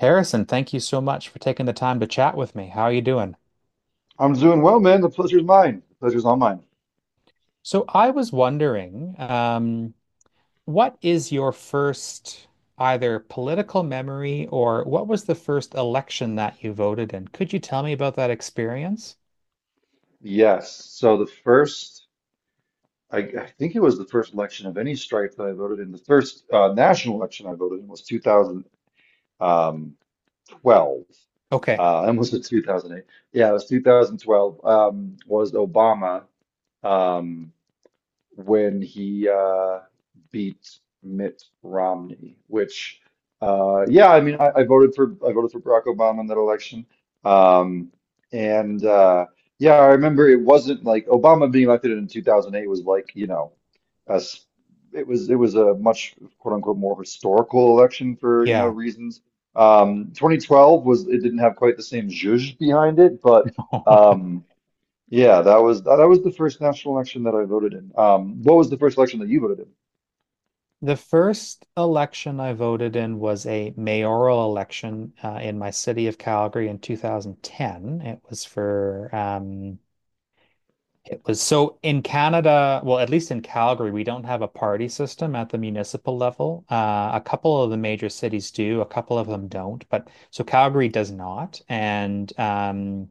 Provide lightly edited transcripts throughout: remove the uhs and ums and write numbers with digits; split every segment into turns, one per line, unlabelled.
Harrison, thank you so much for taking the time to chat with me. How are you doing?
I'm doing well, man. The pleasure's mine. The pleasure's all mine.
So I was wondering, um, what is your first either political memory, or what was the first election that you voted in? Could you tell me about that experience?
Yes. So the first, I think it was the first election of any stripe that I voted in. The first national election I voted in was 2012.
Okay,
I almost said 2008. Yeah, it was 2012. Was Obama. Um, when he beat Mitt Romney, which, yeah, I mean, I voted for Barack Obama in that election, um, and yeah, I remember it wasn't like Obama being elected in 2008 was, like, you know, as it was a much quote unquote more historical election for you know
yeah.
reasons. 2012, was it didn't have quite the same zhuzh behind it, but. Um, yeah, that was the first national election that I voted in. What was the first election that you voted
The first election I voted in was a mayoral election in my city of Calgary in 2010. It was for It was so in Canada, well, at least in Calgary, we don't have a party system at the municipal level. A couple of the major cities do, a couple of them don't. But so Calgary does not. And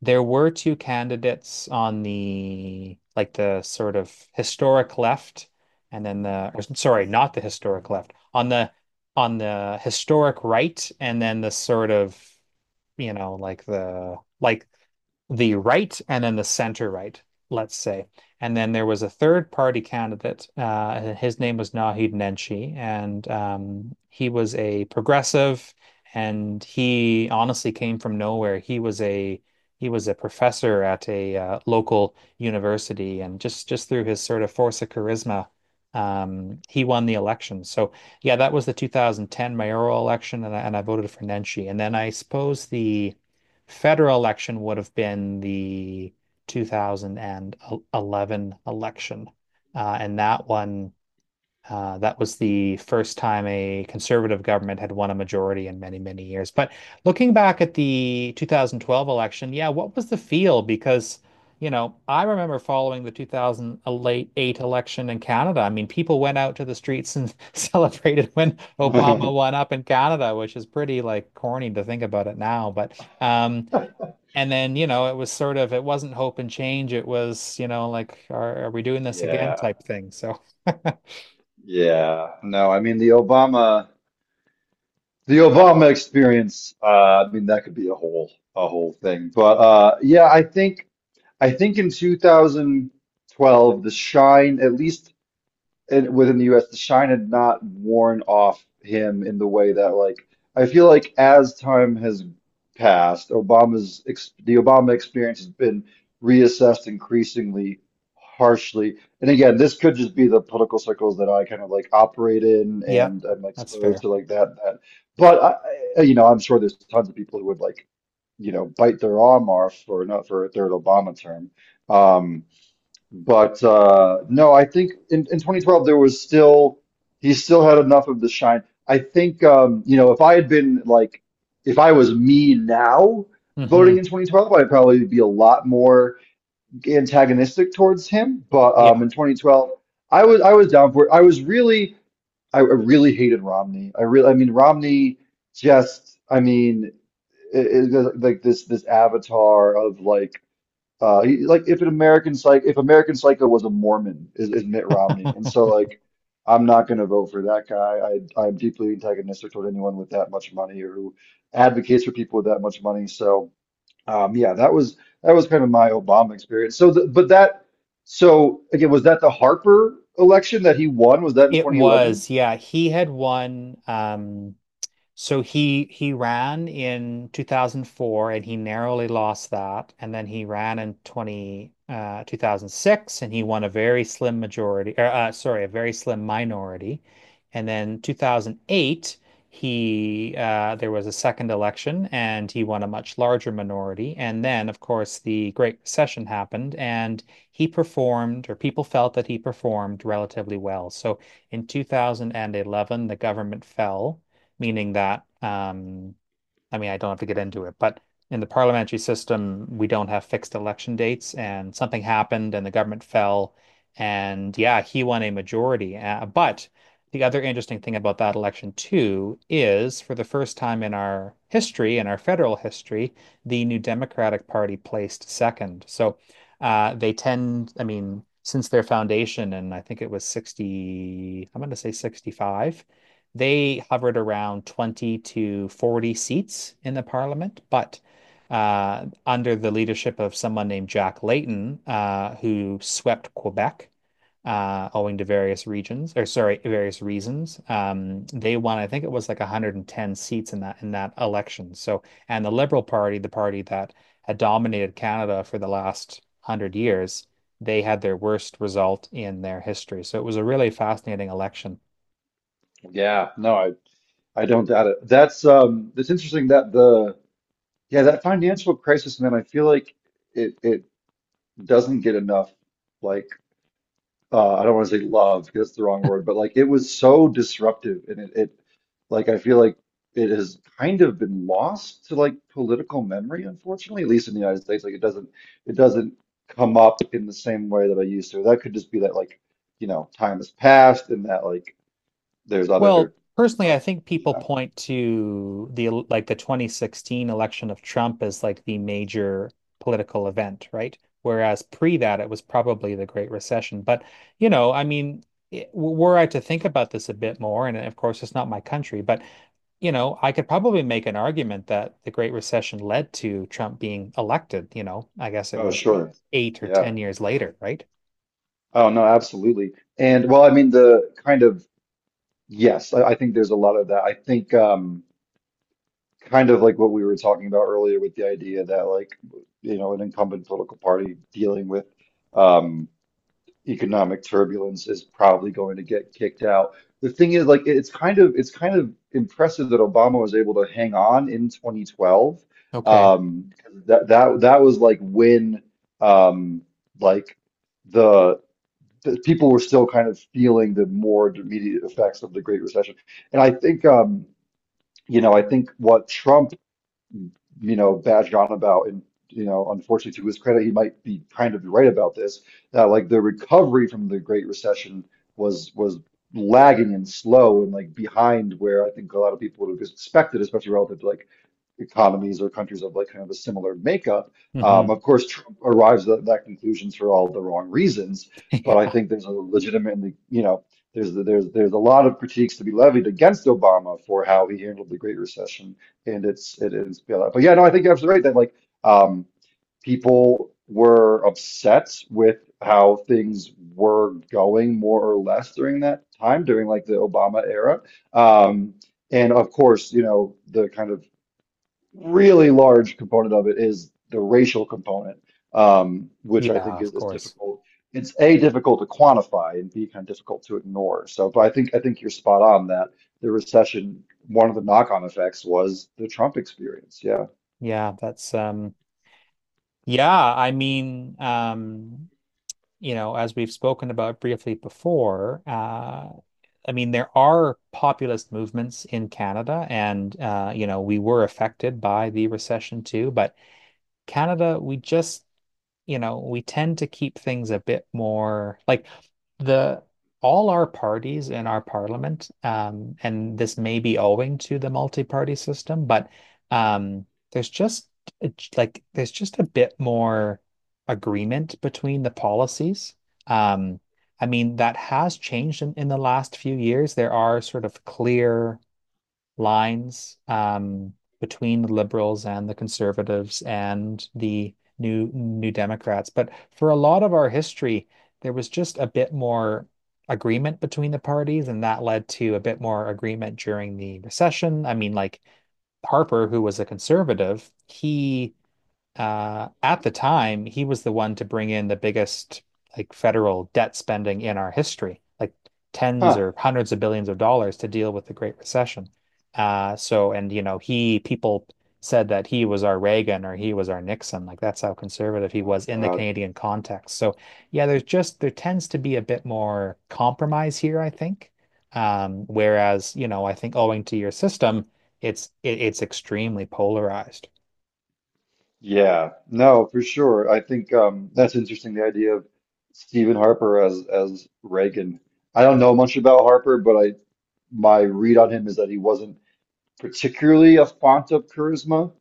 There were two candidates on the sort of historic left, and then sorry, not the historic left, on the historic right, and then the sort of you know like the like the right and then the center right, let's say. And then there was a third party candidate. His name was Nahid Nenshi, and he was a progressive, and he honestly came from nowhere. He was a professor at a local university, and just through his sort of force of charisma, he won the election. So yeah, that was the 2010 mayoral election, and I voted for Nenshi. And then I suppose the federal election would have been the 2011 election. And that one, that was the first time a conservative government had won a majority in many, many years. But looking back at the 2012 election, yeah, what was the feel? Because, you know, I remember following the 2008 election in Canada. I mean, people went out to the streets and celebrated when Obama
in?
won up in Canada, which is pretty like corny to think about it now. But um, and then, you know, it was sort of, it wasn't hope and change. It was, you know, like, are we doing this again
Yeah,
type thing. So,
yeah. No, I mean the Obama experience, I mean that could be a whole thing. But yeah, I think in 2012 the shine, at least and within the US, the shine had not worn off him in the way that, like, I feel like as time has passed, Obama's ex the Obama experience has been reassessed increasingly harshly. And again, this could just be the political circles that I kind of like operate in
yeah,
and I'm
that's
exposed
fair.
to, like that that. But you know, I'm sure there's tons of people who would like, you know, bite their arm off for not for a third Obama term. Um, but no, I think in 2012 there was still, he still had enough of the shine. I think, you know, if I had been like, if I was me now voting
Hmm.
in 2012, I'd probably be a lot more antagonistic towards him. But
Yeah.
in 2012, I was down for it. I really hated Romney. I mean Romney just I mean is like this avatar of, like, if an if American Psycho was a Mormon, is Mitt Romney, and so like, I'm not going to vote for that guy. I'm deeply antagonistic toward anyone with that much money or who advocates for people with that much money. So yeah, that was kind of my Obama experience. So again, was that the Harper election that he won? Was that in
It
2011?
was. Yeah. He had won. So he ran in 2004 and he narrowly lost that. And then he ran in 20, 2006, and he won a very slim majority, or, sorry, a very slim minority. And then 2008, he there was a second election and he won a much larger minority. And then, of course, the Great Recession happened and he performed, or people felt that he performed relatively well. So in 2011, the government fell, meaning that I mean, I don't have to get into it, but in the parliamentary system, we don't have fixed election dates, and something happened, and the government fell, and yeah, he won a majority. But the other interesting thing about that election too is, for the first time in our history, in our federal history, the New Democratic Party placed second. So I mean, since their foundation, and I think it was 60, I'm going to say 65, they hovered around 20 to 40 seats in the parliament, but under the leadership of someone named Jack Layton, who swept Quebec owing to various regions, or sorry, various reasons. They won, I think it was like 110 seats in that election. So, and the Liberal Party, the party that had dominated Canada for the last 100 years, they had their worst result in their history. So it was a really fascinating election.
Yeah, no, I don't doubt it. That's, it's interesting that the, yeah, that financial crisis, man. I feel like it doesn't get enough like, I don't want to say love because that's the wrong word, but like it was so disruptive, and it like, I feel like it has kind of been lost to like political memory, unfortunately, at least in the United States. Like it doesn't, it doesn't come up in the same way that I used to. That could just be that like, you know, time has passed and that like there's
Well,
other,
personally,
uh,
I think people
yeah.
point to like the 2016 election of Trump as like the major political event, right? Whereas pre that, it was probably the Great Recession. But, you know, I mean, were I to think about this a bit more, and of course, it's not my country, but, you know, I could probably make an argument that the Great Recession led to Trump being elected. You know, I guess it
Oh,
was
sure.
eight or
Yeah.
10 years later, right?
Oh no, absolutely. And well, I mean the kind of, yes, I think there's a lot of that. I think kind of like what we were talking about earlier, with the idea that like, you know, an incumbent political party dealing with um economic turbulence is probably going to get kicked out. The thing is, like, it's kind of impressive that Obama was able to hang on in 2012.
Okay.
Um that was like when, um like the, the people were still kind of feeling the more immediate effects of the Great Recession. And I think, you know, I think what Trump, you know, badged on about, and you know, unfortunately, to his credit, he might be kind of right about this, that like the recovery from the Great Recession was lagging and slow, and like behind where I think a lot of people would have expected, especially relative to like economies or countries of like kind of a similar makeup.
Hmm.
Of course, Trump arrives at that conclusions for all the wrong reasons, but I
Yeah.
think there's a legitimately, you know, there's a lot of critiques to be levied against Obama for how he handled the Great Recession and its it is bailout. But yeah, no, I think you're absolutely right that like, um, people were upset with how things were going, more or less, during that time, during like the Obama era. Um, and of course, you know, the kind of really large component of it is the racial component, which I
Yeah,
think
of
is
course.
difficult. It's A, difficult to quantify and B, kind of difficult to ignore. So, but I think you're spot on that the recession, one of the knock-on effects was the Trump experience. Yeah.
Yeah, that's um Yeah, I mean, you know, as we've spoken about briefly before, I mean, there are populist movements in Canada, and you know, we were affected by the recession too, but Canada, we just you know, we tend to keep things a bit more like the All our parties in our parliament, and this may be owing to the multi-party system, but um, there's just it's like there's just a bit more agreement between the policies. Um, I mean, that has changed in the last few years. There are sort of clear lines between the liberals and the conservatives and the New Democrats. But for a lot of our history, there was just a bit more agreement between the parties, and that led to a bit more agreement during the recession. I mean, like Harper, who was a conservative, he at the time, he was the one to bring in the biggest like federal debt spending in our history, like tens
Huh.
or hundreds of billions of dollars to deal with the Great Recession. So, and you know, he people said that he was our Reagan or he was our Nixon. Like that's how conservative he
Oh
was in the
God.
Canadian context. So, yeah, there's just there tends to be a bit more compromise here, I think. Whereas, you know, I think owing to your system, it's extremely polarized.
Yeah. No, for sure. I think, that's interesting, the idea of Stephen Harper as Reagan. I don't know much about Harper, but I, my read on him is that he wasn't particularly a font of charisma.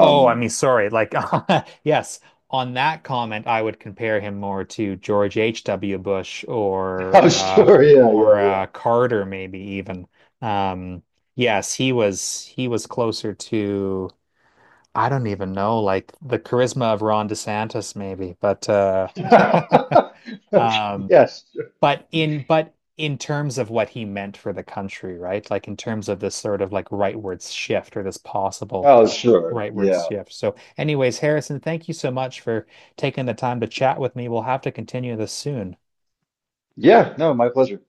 Oh, I mean, sorry. Like, yes, on that comment, I would compare him more to George H.W. Bush, or
oh, sure, yeah,
Carter, maybe even. Um, yes, he was closer to, I don't even know, like the charisma of Ron DeSantis, maybe. But
yeah, yeah.
um,
Yes.
but in terms of what he meant for the country, right? Like in terms of this sort of like rightward shift or this possible
Oh, sure,
rightward
yeah,
shift. So, anyways, Harrison, thank you so much for taking the time to chat with me. We'll have to continue this soon.
yeah. No, my pleasure.